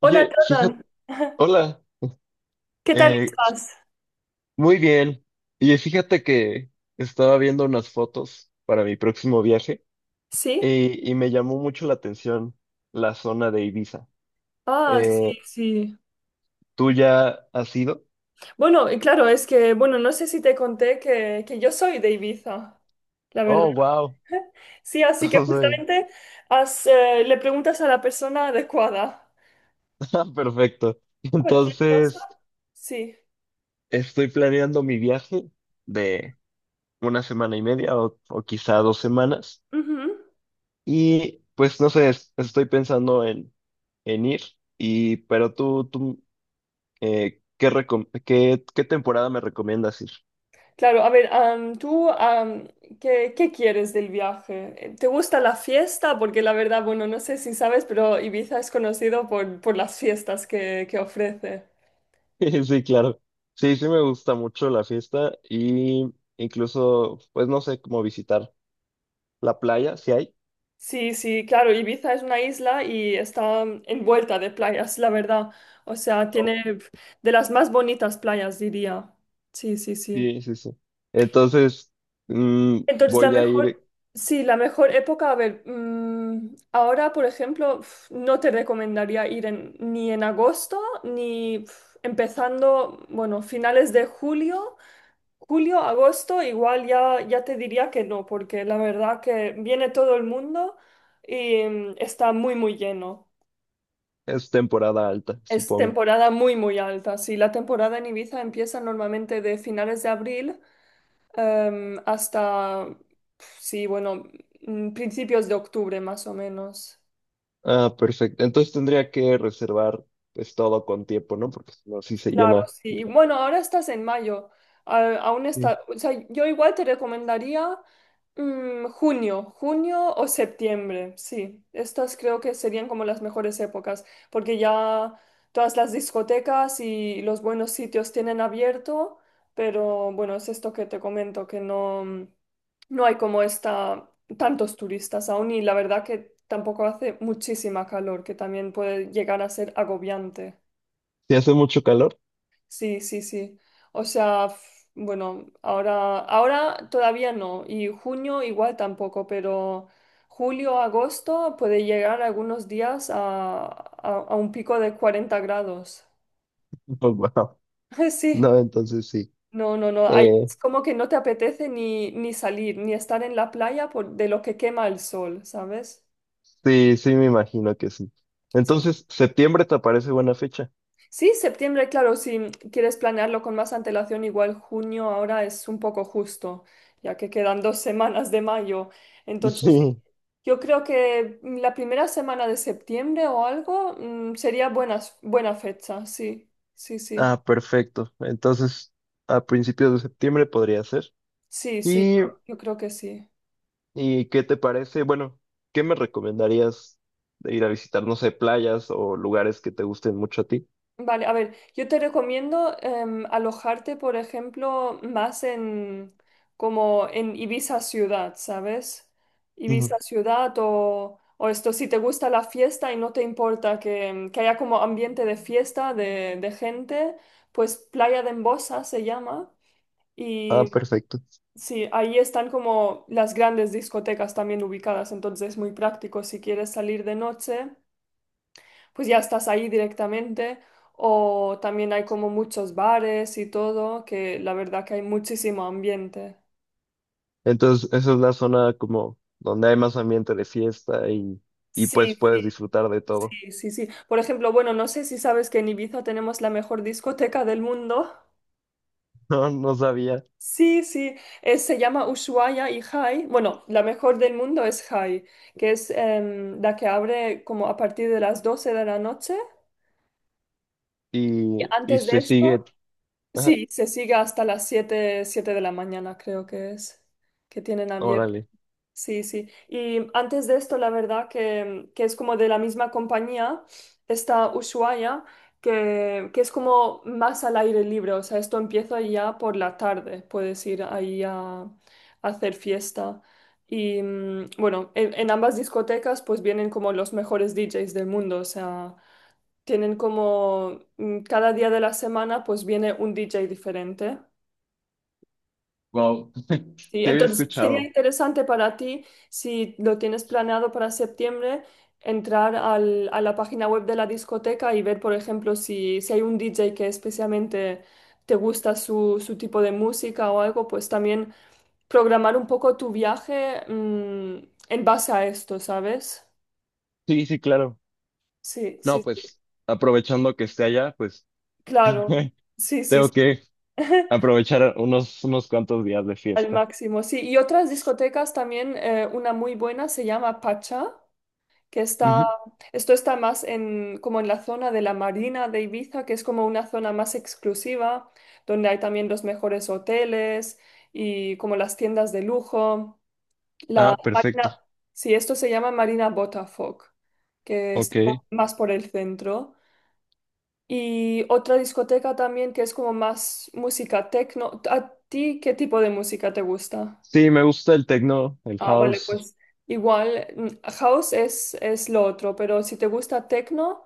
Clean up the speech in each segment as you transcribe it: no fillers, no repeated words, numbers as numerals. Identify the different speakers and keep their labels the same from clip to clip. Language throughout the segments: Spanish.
Speaker 1: Hola
Speaker 2: Oye, fíjate,
Speaker 1: Jordan,
Speaker 2: hola,
Speaker 1: ¿qué tal
Speaker 2: eh,
Speaker 1: estás?
Speaker 2: muy bien. Oye, fíjate que estaba viendo unas fotos para mi próximo viaje
Speaker 1: ¿Sí?
Speaker 2: me llamó mucho la atención la zona de Ibiza.
Speaker 1: Ah,
Speaker 2: Eh,
Speaker 1: sí, sí.
Speaker 2: ¿Tú ya has ido?
Speaker 1: Bueno, y claro, es que, bueno, no sé si te conté que yo soy de Ibiza, la verdad.
Speaker 2: Oh, wow.
Speaker 1: Sí, así que justamente haz, le preguntas a la persona adecuada.
Speaker 2: O sea, perfecto.
Speaker 1: ¿Cualquier cosa?
Speaker 2: Entonces,
Speaker 1: Sí.
Speaker 2: estoy planeando mi viaje de una semana y media o quizá dos semanas.
Speaker 1: Ujú.
Speaker 2: Y pues no sé, estoy pensando en ir. Y, pero tú ¿qué, recom- qué, qué temporada me recomiendas ir?
Speaker 1: Claro, a ver, tú, qué quieres del viaje? ¿Te gusta la fiesta? Porque la verdad, bueno, no sé si sabes, pero Ibiza es conocido por las fiestas que ofrece.
Speaker 2: Sí, claro. Sí, sí me gusta mucho la fiesta y incluso, pues no sé cómo visitar la playa, si hay.
Speaker 1: Sí, sí, claro, Ibiza es una isla y está envuelta de playas, la verdad. O sea, tiene de las más bonitas playas, diría. Sí, sí, sí.
Speaker 2: Sí, sí, sí. Entonces,
Speaker 1: Entonces, la
Speaker 2: voy a
Speaker 1: mejor,
Speaker 2: ir,
Speaker 1: sí, la mejor época, a ver, ahora, por ejemplo, no te recomendaría ni en agosto, ni empezando, bueno, finales de julio. Julio, agosto, igual ya, ya te diría que no, porque la verdad que viene todo el mundo y está muy, muy lleno.
Speaker 2: es temporada alta,
Speaker 1: Es
Speaker 2: supongo.
Speaker 1: temporada muy, muy alta. Sí, la temporada en Ibiza empieza normalmente de finales de abril hasta, sí, bueno, principios de octubre más o menos.
Speaker 2: Ah, perfecto. Entonces tendría que reservar pues todo con tiempo, ¿no? Porque si no, sí se
Speaker 1: Claro,
Speaker 2: llena.
Speaker 1: sí. Y bueno, ahora estás en mayo. Aún
Speaker 2: Sí.
Speaker 1: está, o sea, yo igual te recomendaría junio, junio o septiembre. Sí, estas creo que serían como las mejores épocas, porque ya todas las discotecas y los buenos sitios tienen abierto, pero bueno, es esto que te comento, que no, no hay como esta tantos turistas aún y la verdad que tampoco hace muchísima calor, que también puede llegar a ser agobiante.
Speaker 2: Si hace mucho calor,
Speaker 1: Sí, sí, sí. O sea, bueno, ahora, ahora todavía no. Y junio igual tampoco, pero julio, agosto puede llegar algunos días a un pico de 40 grados.
Speaker 2: pues bueno,
Speaker 1: Sí,
Speaker 2: no, entonces sí.
Speaker 1: no, no, no. Ahí
Speaker 2: Eh,
Speaker 1: es como que no te apetece ni, ni salir, ni estar en la playa por, de lo que quema el sol, ¿sabes?
Speaker 2: sí, sí, me imagino que sí. Entonces, septiembre te parece buena fecha.
Speaker 1: Sí, septiembre, claro, si quieres planearlo con más antelación, igual junio ahora es un poco justo, ya que quedan dos semanas de mayo. Entonces, sí,
Speaker 2: Sí.
Speaker 1: yo creo que la primera semana de septiembre o algo sería buenas, buena fecha, sí, sí, sí,
Speaker 2: Ah, perfecto. Entonces, a principios de septiembre podría ser.
Speaker 1: sí, sí,
Speaker 2: ¿Y,
Speaker 1: yo creo que sí.
Speaker 2: y qué te parece? Bueno, ¿qué me recomendarías de ir a visitar, no sé, playas o lugares que te gusten mucho a ti?
Speaker 1: Vale, a ver, yo te recomiendo alojarte, por ejemplo, más en como en Ibiza ciudad, ¿sabes?
Speaker 2: Ujú.
Speaker 1: Ibiza ciudad o esto, si te gusta la fiesta y no te importa que, que haya como ambiente de fiesta, de gente, pues Playa de Embosa se llama.
Speaker 2: Ah,
Speaker 1: Y
Speaker 2: perfecto.
Speaker 1: sí, ahí están como las grandes discotecas también ubicadas, entonces es muy práctico si quieres salir de noche pues ya estás ahí directamente. O también hay como muchos bares y todo, que la verdad que hay muchísimo ambiente.
Speaker 2: Entonces, esa es la zona como donde hay más ambiente de fiesta y
Speaker 1: Sí,
Speaker 2: pues
Speaker 1: sí,
Speaker 2: puedes disfrutar de todo.
Speaker 1: sí, sí, sí. Por ejemplo, bueno, no sé si sabes que en Ibiza tenemos la mejor discoteca del mundo.
Speaker 2: No, no sabía.
Speaker 1: Sí, sí, se llama Ushuaia y Jai. Bueno, la mejor del mundo es Jai, que es la que abre como a partir de las 12 de la noche. Y
Speaker 2: Y
Speaker 1: antes de
Speaker 2: se
Speaker 1: eso,
Speaker 2: sigue. Ajá,
Speaker 1: sí, se sigue hasta las 7 de la mañana, creo que es, que tienen abierto.
Speaker 2: órale.
Speaker 1: Sí, sí. Y antes de esto, la verdad que es como de la misma compañía, está Ushuaia, que es como más al aire libre. O sea, esto empieza ya por la tarde. Puedes ir ahí a hacer fiesta. Y bueno, en ambas discotecas pues vienen como los mejores DJs del mundo. O sea, tienen como cada día de la semana pues viene un DJ diferente.
Speaker 2: Wow,
Speaker 1: Sí,
Speaker 2: te había
Speaker 1: entonces sería
Speaker 2: escuchado.
Speaker 1: interesante para ti, si lo tienes planeado para septiembre, a la página web de la discoteca y ver, por ejemplo, si hay un DJ que especialmente te gusta su tipo de música o algo, pues también programar un poco tu viaje, en base a esto, ¿sabes?
Speaker 2: Sí, sí, claro.
Speaker 1: Sí, sí,
Speaker 2: No,
Speaker 1: sí,
Speaker 2: pues aprovechando que esté allá, pues
Speaker 1: claro. Sí, sí,
Speaker 2: tengo
Speaker 1: sí.
Speaker 2: que aprovechar unos cuantos días de
Speaker 1: Al
Speaker 2: fiesta.
Speaker 1: máximo, sí. Y otras discotecas también, una muy buena se llama Pacha. Que está,
Speaker 2: Ujú.
Speaker 1: esto está más en, como en la zona de la Marina de Ibiza, que es como una zona más exclusiva, donde hay también los mejores hoteles y como las tiendas de lujo. La
Speaker 2: Ah,
Speaker 1: Marina,
Speaker 2: perfecto.
Speaker 1: sí, esto se llama Marina Botafoc, que está
Speaker 2: Ok.
Speaker 1: como más por el centro. Y otra discoteca también que es como más música techno. ¿A ti qué tipo de música te gusta?
Speaker 2: Sí, me gusta el techno, el
Speaker 1: Ah, vale,
Speaker 2: house.
Speaker 1: pues igual, house es lo otro, pero si te gusta techno...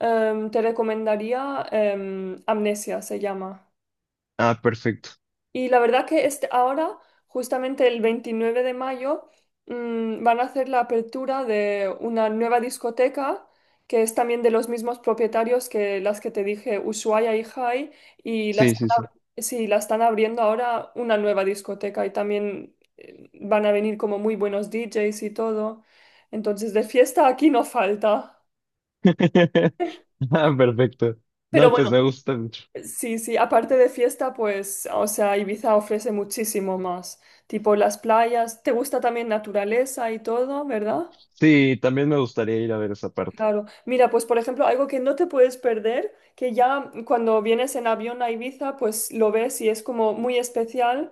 Speaker 1: Te recomendaría Amnesia, se llama.
Speaker 2: Ah, perfecto.
Speaker 1: Y la verdad que este, ahora, justamente el 29 de mayo, van a hacer la apertura de una nueva discoteca que es también de los mismos propietarios que las que te dije, Ushuaia y Jai, y la
Speaker 2: Sí, sí, sí.
Speaker 1: sí, la están abriendo ahora una nueva discoteca y también van a venir como muy buenos DJs y todo. Entonces, de fiesta aquí no falta.
Speaker 2: Ah, perfecto.
Speaker 1: Pero
Speaker 2: No, pues
Speaker 1: bueno,
Speaker 2: me gusta mucho.
Speaker 1: sí, sí, aparte de fiesta, pues, o sea, Ibiza ofrece muchísimo más. Tipo las playas, te gusta también naturaleza y todo, ¿verdad?
Speaker 2: Sí, también me gustaría ir a ver esa parte.
Speaker 1: Claro. Mira, pues por ejemplo, algo que no te puedes perder, que ya cuando vienes en avión a Ibiza, pues lo ves y es como muy especial,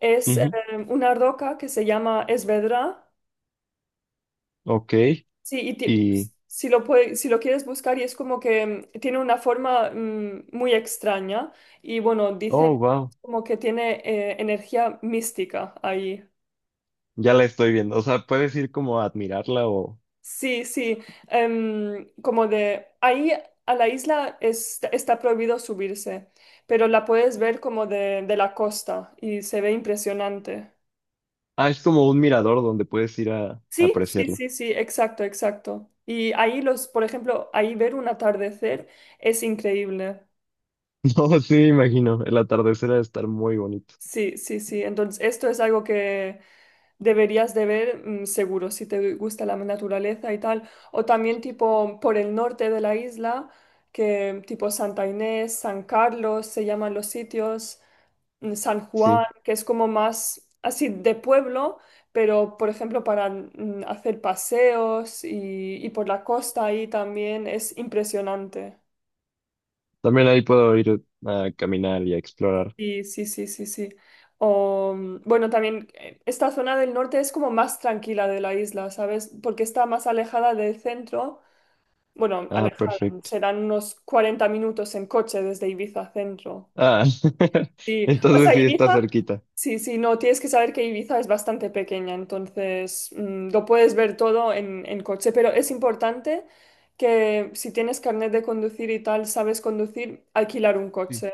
Speaker 1: es
Speaker 2: Ujú.
Speaker 1: una roca que se llama Esvedra.
Speaker 2: Ok.
Speaker 1: Sí,
Speaker 2: Y,
Speaker 1: si lo quieres buscar y es como que tiene una forma muy extraña y bueno,
Speaker 2: oh,
Speaker 1: dicen
Speaker 2: wow.
Speaker 1: como que tiene energía mística ahí.
Speaker 2: Ya la estoy viendo. O sea, puedes ir como a admirarla o...
Speaker 1: Sí, sí, como de ahí a la isla está prohibido subirse, pero la puedes ver como de la costa y se ve impresionante.
Speaker 2: Ah, es como un mirador donde puedes ir a
Speaker 1: Sí, sí,
Speaker 2: apreciarlo.
Speaker 1: sí, sí, exacto, exacto. Y ahí los, por ejemplo, ahí ver un atardecer es increíble.
Speaker 2: No, sí, me imagino. El atardecer ha de estar muy bonito.
Speaker 1: Sí, sí, sí. Entonces, esto es algo que deberías de ver seguro si te gusta la naturaleza y tal. O también tipo por el norte de la isla, que tipo Santa Inés, San Carlos se llaman los sitios, San Juan,
Speaker 2: Sí.
Speaker 1: que es como más así de pueblo, pero por ejemplo para hacer paseos y por la costa ahí también es impresionante.
Speaker 2: También ahí puedo ir a caminar y a explorar.
Speaker 1: Sí, sí, sí, sí, sí. O, bueno, también esta zona del norte es como más tranquila de la isla, ¿sabes? Porque está más alejada del centro. Bueno,
Speaker 2: Ah,
Speaker 1: alejada,
Speaker 2: perfecto.
Speaker 1: serán unos 40 minutos en coche desde Ibiza centro.
Speaker 2: Ah,
Speaker 1: Sí, o
Speaker 2: entonces
Speaker 1: sea,
Speaker 2: sí está
Speaker 1: Ibiza,
Speaker 2: cerquita.
Speaker 1: sí, sí, no, tienes que saber que Ibiza es bastante pequeña, entonces lo puedes ver todo en coche, pero es importante que si tienes carnet de conducir y tal, sabes conducir, alquilar un
Speaker 2: Sí.
Speaker 1: coche.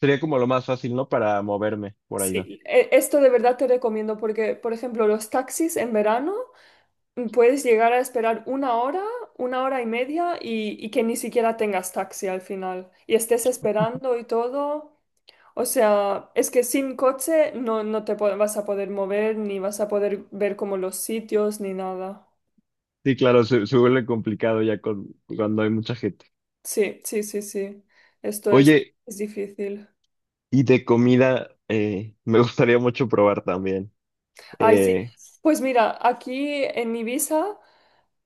Speaker 2: Sería como lo más fácil, ¿no? Para moverme por allá.
Speaker 1: Sí, esto de verdad te recomiendo porque, por ejemplo, los taxis en verano puedes llegar a esperar una hora y media y que ni siquiera tengas taxi al final y estés esperando y todo. O sea, es que sin coche no, vas a poder mover ni vas a poder ver como los sitios ni nada.
Speaker 2: Sí, claro, se vuelve complicado ya con, cuando hay mucha gente.
Speaker 1: Sí, sí, sí, sí. Esto
Speaker 2: Oye,
Speaker 1: es difícil.
Speaker 2: y de comida, me gustaría mucho probar también.
Speaker 1: Ay, sí.
Speaker 2: Eh,
Speaker 1: Pues mira, aquí en Ibiza,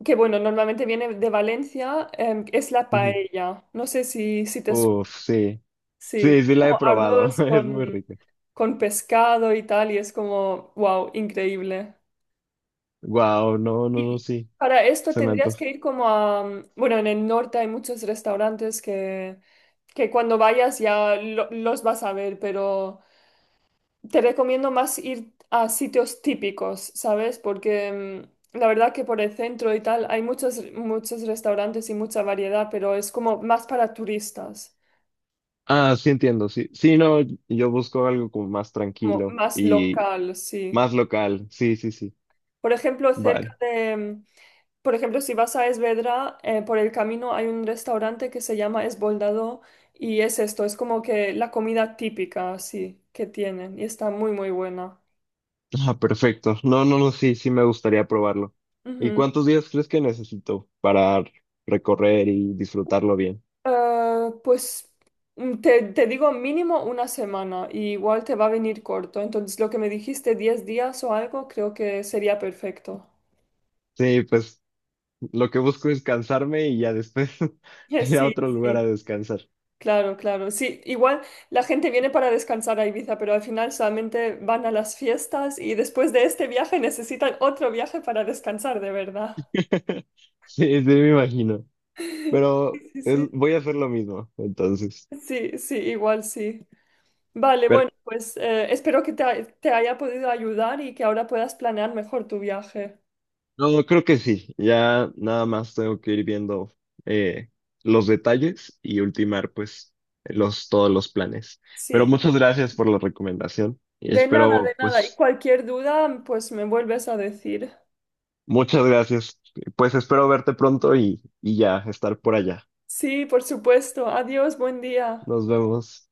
Speaker 1: que bueno, normalmente viene de Valencia, es la
Speaker 2: ujú.
Speaker 1: paella. No sé si te suena.
Speaker 2: Uf, sí.
Speaker 1: Sí,
Speaker 2: Sí, sí
Speaker 1: es
Speaker 2: la
Speaker 1: como
Speaker 2: he probado.
Speaker 1: arroz
Speaker 2: Es muy rica.
Speaker 1: con pescado y tal, y es como, wow, increíble.
Speaker 2: Wow, no, no, no,
Speaker 1: Y
Speaker 2: sí,
Speaker 1: para esto
Speaker 2: se me
Speaker 1: tendrías
Speaker 2: antoja.
Speaker 1: que ir como a, bueno, en el norte hay muchos restaurantes que cuando vayas ya los vas a ver, pero te recomiendo más ir a sitios típicos, ¿sabes? Porque la verdad que por el centro y tal hay muchos, muchos restaurantes y mucha variedad, pero es como más para turistas,
Speaker 2: Ah, sí entiendo, sí, sí, no, yo busco algo como más
Speaker 1: como
Speaker 2: tranquilo
Speaker 1: más
Speaker 2: y
Speaker 1: local, sí.
Speaker 2: más local, sí, sí, sí,
Speaker 1: Por ejemplo, cerca
Speaker 2: vale.
Speaker 1: de, por ejemplo, si vas a Esvedra, por el camino hay un restaurante que se llama Esboldado y es esto, es como que la comida típica, sí, que tienen y está muy, muy buena.
Speaker 2: Ah, perfecto, no, no, no, sí, sí me gustaría probarlo. ¿Y cuántos días crees que necesito para recorrer y disfrutarlo bien?
Speaker 1: Pues te, te digo mínimo una semana y igual te va a venir corto. Entonces lo que me dijiste, 10 días o algo, creo que sería perfecto.
Speaker 2: Sí, pues lo que busco es cansarme y ya después ir a
Speaker 1: Sí,
Speaker 2: otro lugar a
Speaker 1: sí.
Speaker 2: descansar.
Speaker 1: Claro, claro. Sí, igual la gente viene para descansar a Ibiza, pero al final solamente van a las fiestas y después de este viaje necesitan otro viaje para descansar de verdad.
Speaker 2: Sí, sí, me imagino, pero
Speaker 1: Sí, sí,
Speaker 2: voy a hacer lo mismo, entonces.
Speaker 1: sí, sí, igual sí. Vale, bueno, pues espero que te haya podido ayudar y que ahora puedas planear mejor tu viaje.
Speaker 2: No, creo que sí. Ya nada más tengo que ir viendo eh, los detalles y ultimar pues todos los planes. Pero
Speaker 1: Sí,
Speaker 2: muchas gracias por la recomendación y
Speaker 1: de nada, de
Speaker 2: espero
Speaker 1: nada. Y
Speaker 2: pues
Speaker 1: cualquier duda, pues me vuelves a decir.
Speaker 2: muchas gracias. Pues espero verte pronto y ya estar por allá.
Speaker 1: Sí, por supuesto. Adiós, buen día.
Speaker 2: Nos vemos.